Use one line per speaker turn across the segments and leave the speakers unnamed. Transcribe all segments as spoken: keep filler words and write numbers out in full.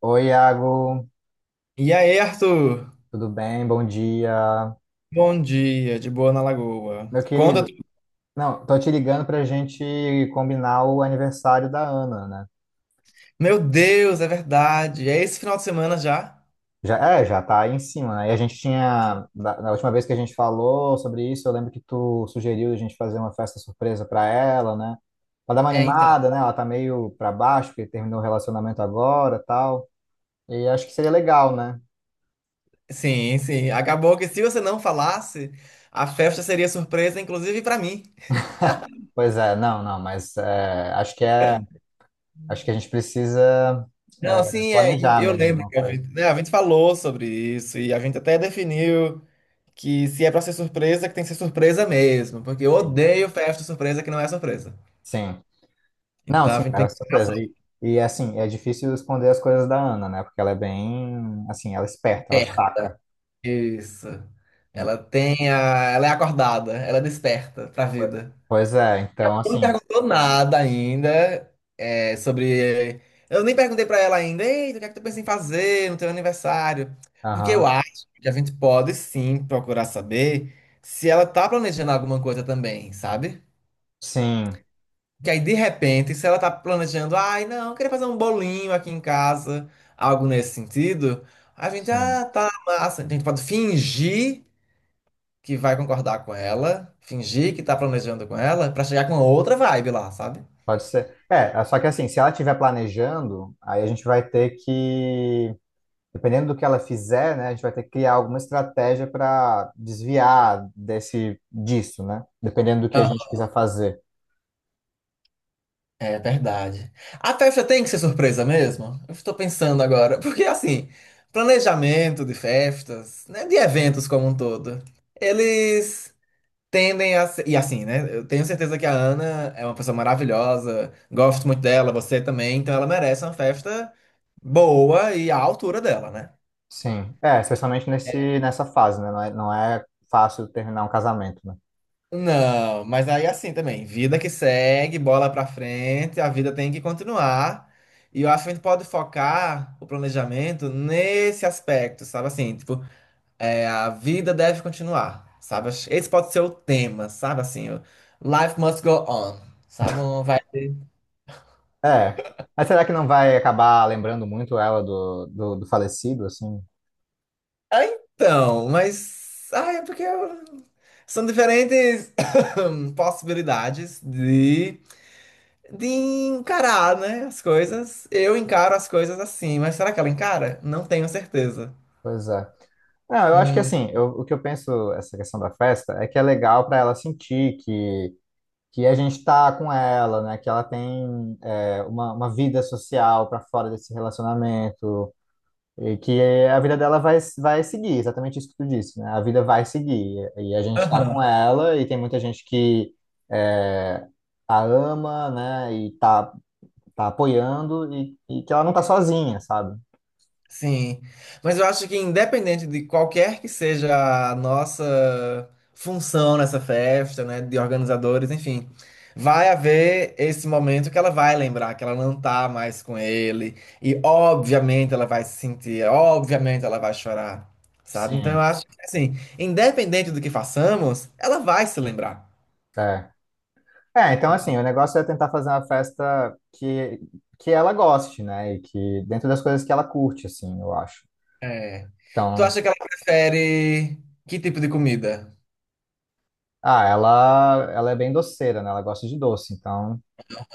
Oi, Iago,
E aí, Arthur?
tudo bem? Bom dia.
Bom dia, de boa na Lagoa.
Meu
Conta
querido,
tudo.
não, tô te ligando pra gente combinar o aniversário da Ana, né?
Meu Deus, é verdade. É esse final de semana já?
Já, é, já tá aí em cima, né? E a gente tinha, da- na última vez que a gente falou sobre isso, eu lembro que tu sugeriu a gente fazer uma festa surpresa pra ela, né? Pra dar uma
É, então.
animada, né? Ela tá meio pra baixo, porque terminou o relacionamento agora, tal. E acho que seria legal, né?
Sim, sim. Acabou que se você não falasse, a festa seria surpresa, inclusive pra mim.
Pois é, não, não, mas é, acho que é, acho que a gente precisa
Não,
é,
sim, é, e
planejar
eu
mesmo
lembro
alguma
que a
coisa.
gente, né, a gente falou sobre isso e a gente até definiu que se é pra ser surpresa, que tem que ser surpresa mesmo, porque eu
Assim.
odeio festa surpresa que não é surpresa.
Sim. Não,
Então a
sim,
gente
é
tem
uma surpresa. E, e assim, é difícil esconder as coisas da Ana, né? Porque ela é bem, assim, ela é esperta, ela
que.
saca.
Isso.
E-
Ela tem a. Ela é acordada, ela é desperta pra vida.
Pois é, então
Não me
assim,
perguntou nada ainda, é, sobre. Eu nem perguntei pra ela ainda, eita, o que é que tu pensa em fazer no teu aniversário? Porque eu
aham.
acho que a gente pode sim procurar saber se ela tá planejando alguma coisa também, sabe?
Sim,
Que aí, de repente, se ela tá planejando, ai, não, eu queria fazer um bolinho aqui em casa, algo nesse sentido, a gente, ah,
sim.
tá massa, a gente pode fingir que vai concordar com ela, fingir que tá planejando com ela, pra chegar com outra vibe lá, sabe?
Pode ser. É, só que assim, se ela estiver planejando, aí a gente vai ter que, dependendo do que ela fizer, né, a gente vai ter que criar alguma estratégia para desviar desse disso, né? Dependendo do que a
Aham.
gente quiser fazer.
É verdade. A festa tem que ser surpresa mesmo? Eu estou pensando agora, porque assim, planejamento de festas, né, de eventos como um todo, eles tendem a ser, e assim, né? Eu tenho certeza que a Ana é uma pessoa maravilhosa, gosto muito dela, você também, então ela merece uma festa boa e à altura dela, né?
Sim. É, especialmente nesse, nessa fase, né? Não é, não é fácil terminar um casamento, né?
Não, mas aí assim também, vida que segue, bola pra frente, a vida tem que continuar. E eu acho que a gente pode focar o planejamento nesse aspecto, sabe assim, tipo, é, a vida deve continuar, sabe? Acho- Esse pode ser o tema, sabe assim, o Life must go on, sabe? Um vai.
É. Mas será que não vai acabar lembrando muito ela do, do, do falecido, assim?
Ah, então, mas ah, é porque eu- são diferentes possibilidades de encarar, né, as coisas. Eu encaro as coisas assim, mas será que ela encara? Não tenho certeza.
Pois é. Não, eu acho que
Hum,
assim, eu, o que eu penso, essa questão da festa, é que é legal para ela sentir que, que a gente tá com ela, né? Que ela tem é, uma, uma vida social para fora desse relacionamento, e que a vida dela vai, vai seguir, exatamente isso que tu disse, né? A vida vai seguir. E a gente está
aham,
com ela, e tem muita gente que é, a ama, né? E tá, tá apoiando, e, e que ela não tá sozinha, sabe?
sim. Mas eu acho que independente de qualquer que seja a nossa função nessa festa, né, de organizadores, enfim, vai haver esse momento que ela vai lembrar que ela não tá mais com ele e obviamente ela vai se sentir, obviamente ela vai chorar. Sabe? Então eu
Sim.
acho que assim, independente do que façamos, ela vai se lembrar.
É. É, então assim, o negócio é tentar fazer uma festa que, que ela goste, né? E que dentro das coisas que ela curte, assim, eu acho.
É. Tu
Então,
acha que ela prefere que tipo de comida?
ah, ela, ela é bem doceira, né? Ela gosta de doce, então,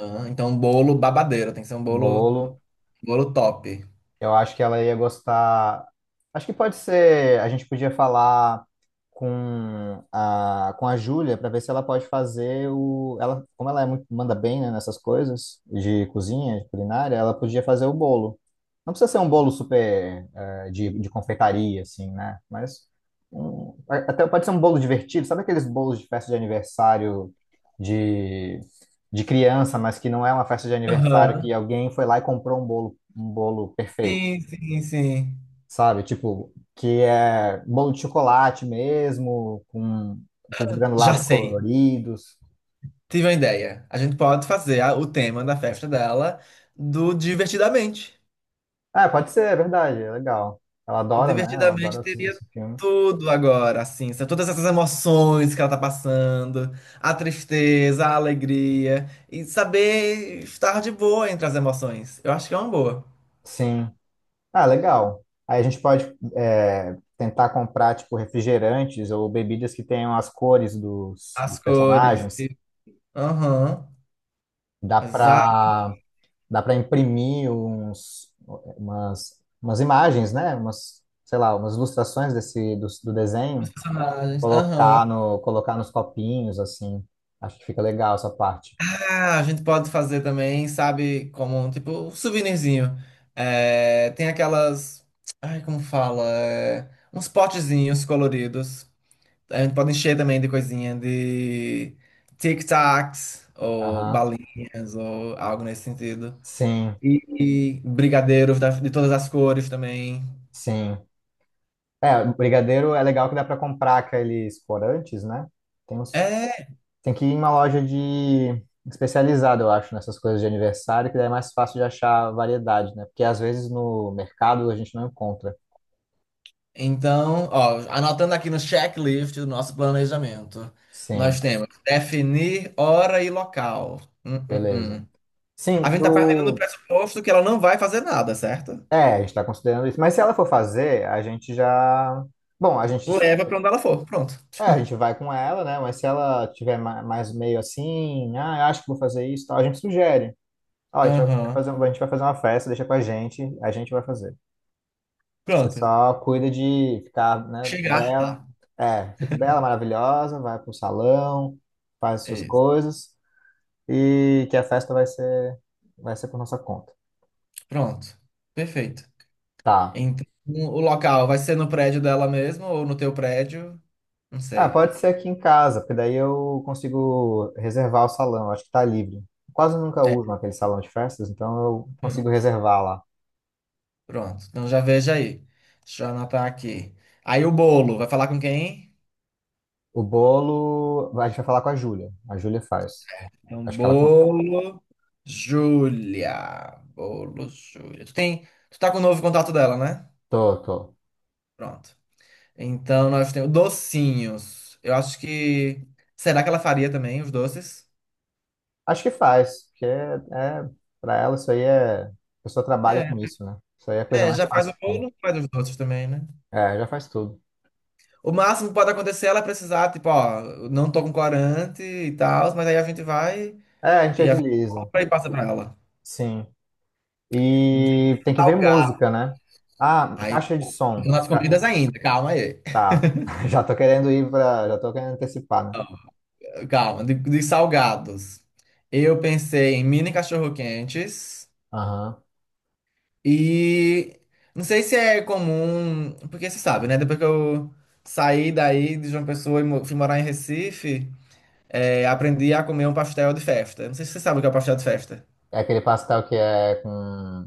Aham. Então, bolo babadeiro, tem que ser um bolo,
bolo.
bolo top.
Eu acho que ela ia gostar. Acho que pode ser. A gente podia falar com a, com a Júlia para ver se ela pode fazer o. Ela, como ela é muito, manda bem, né, nessas coisas de cozinha, de culinária, ela podia fazer o bolo. Não precisa ser um bolo super eh, de, de confeitaria, assim, né? Mas um- até pode ser um bolo divertido. Sabe aqueles bolos de festa de aniversário de, de criança, mas que não é uma festa de aniversário
Aham.
que alguém foi lá e comprou um bolo, um bolo perfeito?
Sim, sim, sim.
Sabe? Tipo, que é bolo de chocolate mesmo, com aqueles
Já
granulados
sei.
coloridos.
Tive uma ideia. A gente pode fazer a- o tema da festa dela do Divertidamente.
Ah, pode ser, é verdade, é legal. Ela
O
adora, né? Ela
Divertidamente
adora esse,
teria
esse filme.
tudo agora, assim, são todas essas emoções que ela tá passando, a tristeza, a alegria, e saber estar de boa entre as emoções. Eu acho que é uma boa.
Sim. Ah, legal. Aí a gente pode é, tentar comprar, tipo, refrigerantes ou bebidas que tenham as cores dos,
As
dos
cores.
personagens.
Aham.
Dá
Exato,
pra, dá pra imprimir uns, umas, umas imagens, né? Umas, sei lá, umas ilustrações desse, do, do
os
desenho.
personagens. Aham.
Colocar no, colocar nos copinhos, assim. Acho que fica legal essa parte.
Ah, a gente pode fazer também, sabe, como um tipo um souvenirzinho. É, tem aquelas. Ai, como fala? É, uns potezinhos coloridos. A gente pode encher também de coisinha de tic-tacs ou
Aham.
balinhas ou algo nesse sentido.
Sim,
E, e brigadeiros da- de todas as cores também.
sim. É, o brigadeiro é legal que dá para comprar aqueles corantes, né? Tem uns,
É,
tem que ir em uma loja de especializada, eu acho, nessas coisas de aniversário, que daí é mais fácil de achar variedade, né? Porque às vezes no mercado a gente não encontra.
então, ó, anotando aqui no checklist do nosso planejamento, nós
Sim,
temos definir hora e local. Hum, hum,
beleza.
hum. A
Sim,
gente tá partindo do
tu...
pressuposto que ela não vai fazer nada, certo?
É, a gente está considerando isso. Mas se ela for fazer, a gente já... Bom, a gente
Leva pra onde ela for, pronto.
é, a gente vai com ela, né? Mas se ela tiver ma- mais meio assim, ah, eu acho que vou fazer isso, e tal, a gente sugere. Ó, a gente vai
Aham.
fazer, um- a gente vai fazer uma festa, deixa com a gente, a gente vai fazer. Você
Pronto.
só cuida de ficar, né,
Chegar
bela.
lá.
É, fica bela, maravilhosa, vai pro salão, faz suas
Isso.
coisas e que a festa vai ser, vai ser por nossa conta.
Pronto. Perfeito.
Tá.
Então, o local vai ser no prédio dela mesmo ou no teu prédio? Não
Ah,
sei.
pode ser aqui em casa, porque daí eu consigo reservar o salão, acho que tá livre. Quase nunca
É,
uso naquele salão de festas, então eu consigo reservar lá.
pronto. Então já veja aí. Deixa eu anotar aqui. Aí o bolo, vai falar com quem?
O bolo, a gente vai falar com a Júlia. A Júlia faz.
É um
Acho que ela. con-
bolo, Júlia. Bolo, Júlia. Tu tem, tu tá com o novo contato dela, né?
Tô, tô.
Pronto. Então nós temos docinhos. Eu acho que será que ela faria também os doces?
Acho que faz, porque é, é, para ela isso aí é. A pessoa trabalha
É,
com isso, né? Isso aí é a coisa
é,
mais
já faz
fácil
o
que tem.
bolo, faz os doces também, né?
É, já faz tudo.
O máximo que pode acontecer é ela precisar, tipo, ó, eu não tô com corante e tal, mas aí a gente vai
É, a gente
e a gente
agiliza.
compra e passa pra ela.
Sim.
De
E tem que ver
salgado.
música, né? Ah,
Aí,
caixa de som.
nas
Ah,
comidas ainda, calma aí.
tá. Já tô querendo ir pra. Já tô querendo antecipar, né?
Calma, de, de salgados. Eu pensei em mini cachorro-quentes
Aham.
e não sei se é comum, porque você sabe, né? Depois que eu saí daí de João Pessoa e mo- fui morar em Recife, é, aprendi a comer um pastel de festa. Não sei se você sabe o que é o pastel de festa.
É aquele pastel que é com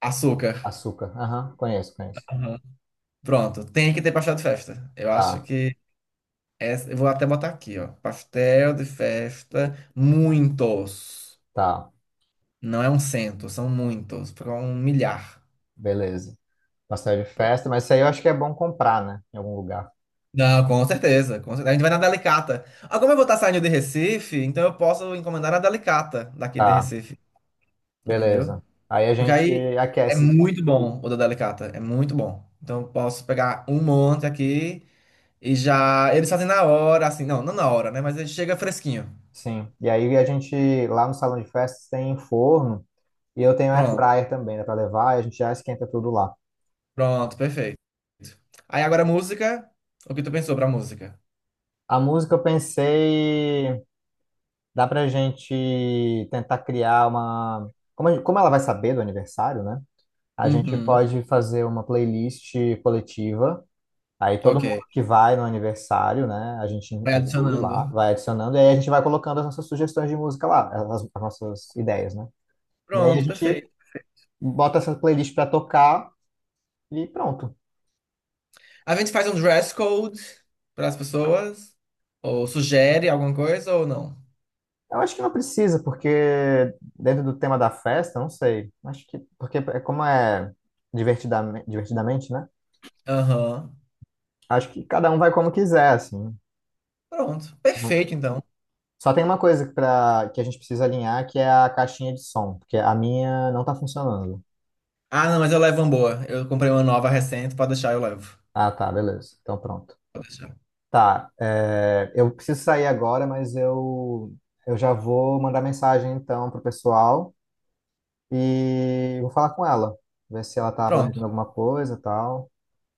Açúcar.
açúcar. Aham, conheço, conheço.
Aham. Pronto, tem que ter pastel de festa. Eu acho
Tá,
que essa, eu vou até botar aqui, ó. Pastel de festa, muitos.
tá.
Não é um cento, são muitos, porque é um milhar.
Beleza. Pastel de festa, mas isso aí eu acho que é bom comprar, né? Em algum lugar.
Não, com certeza, com certeza. A gente vai na Delicata. Agora eu vou estar saindo de Recife, então eu posso encomendar a Delicata daqui de
Tá,
Recife, entendeu?
beleza. Aí a
Porque
gente
aí é
aquece,
muito bom o da Delicata, é muito bom. Então eu posso pegar um monte aqui e já. Eles fazem na hora, assim, não, não na hora, né? Mas ele chega fresquinho.
sim. E aí a gente, lá no salão de festas, tem forno e eu tenho air
Pronto,
fryer também, dá pra levar, e a gente já esquenta tudo lá.
pronto, perfeito. Aí agora a música, o que tu pensou pra música?
A música eu pensei, dá pra gente tentar criar uma. Como, a gente- como ela vai saber do aniversário, né? A gente
Uhum,
pode fazer uma playlist coletiva. Aí todo
ok.
mundo que vai no aniversário, né, a gente
Vai
inclui lá,
adicionando.
vai adicionando, e aí a gente vai colocando as nossas sugestões de música lá, as, as nossas ideias, né? Daí a
Pronto,
gente
perfeito.
bota essa playlist para tocar e pronto.
A gente faz um dress code para as pessoas, ou sugere alguma coisa ou não.
Eu acho que não precisa, porque dentro do tema da festa, não sei. Acho que, porque é como é divertidamente, divertidamente, né?
Aham.
Acho que cada um vai como quiser, assim.
Pronto.
Não-
Perfeito, então.
Só tem uma coisa pra, que a gente precisa alinhar, que é a caixinha de som, porque a minha não tá funcionando.
Ah, não, mas eu levo uma boa. Eu comprei uma nova recente, pode deixar, eu levo.
Ah, tá, beleza. Então pronto.
Pode deixar.
Tá, é, eu preciso sair agora, mas eu, eu já vou mandar mensagem então pro pessoal e vou falar com ela, ver se ela tá
Pronto.
planejando alguma coisa e tal.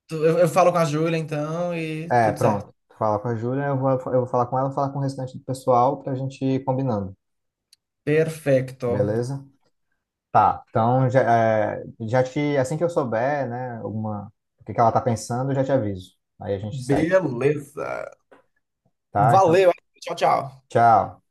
Tu- Eu, eu falo com a Júlia, então, e
É,
tudo certo.
pronto. Fala com a Júlia, eu vou, eu vou falar com ela, falar com o restante do pessoal pra gente ir combinando,
Perfeito.
beleza? Tá, então já, é, já te, assim que eu souber, né, alguma, o que que ela tá pensando, eu já te aviso. Aí a gente segue,
Beleza.
tá? Então,
Valeu. Tchau, tchau.
tchau.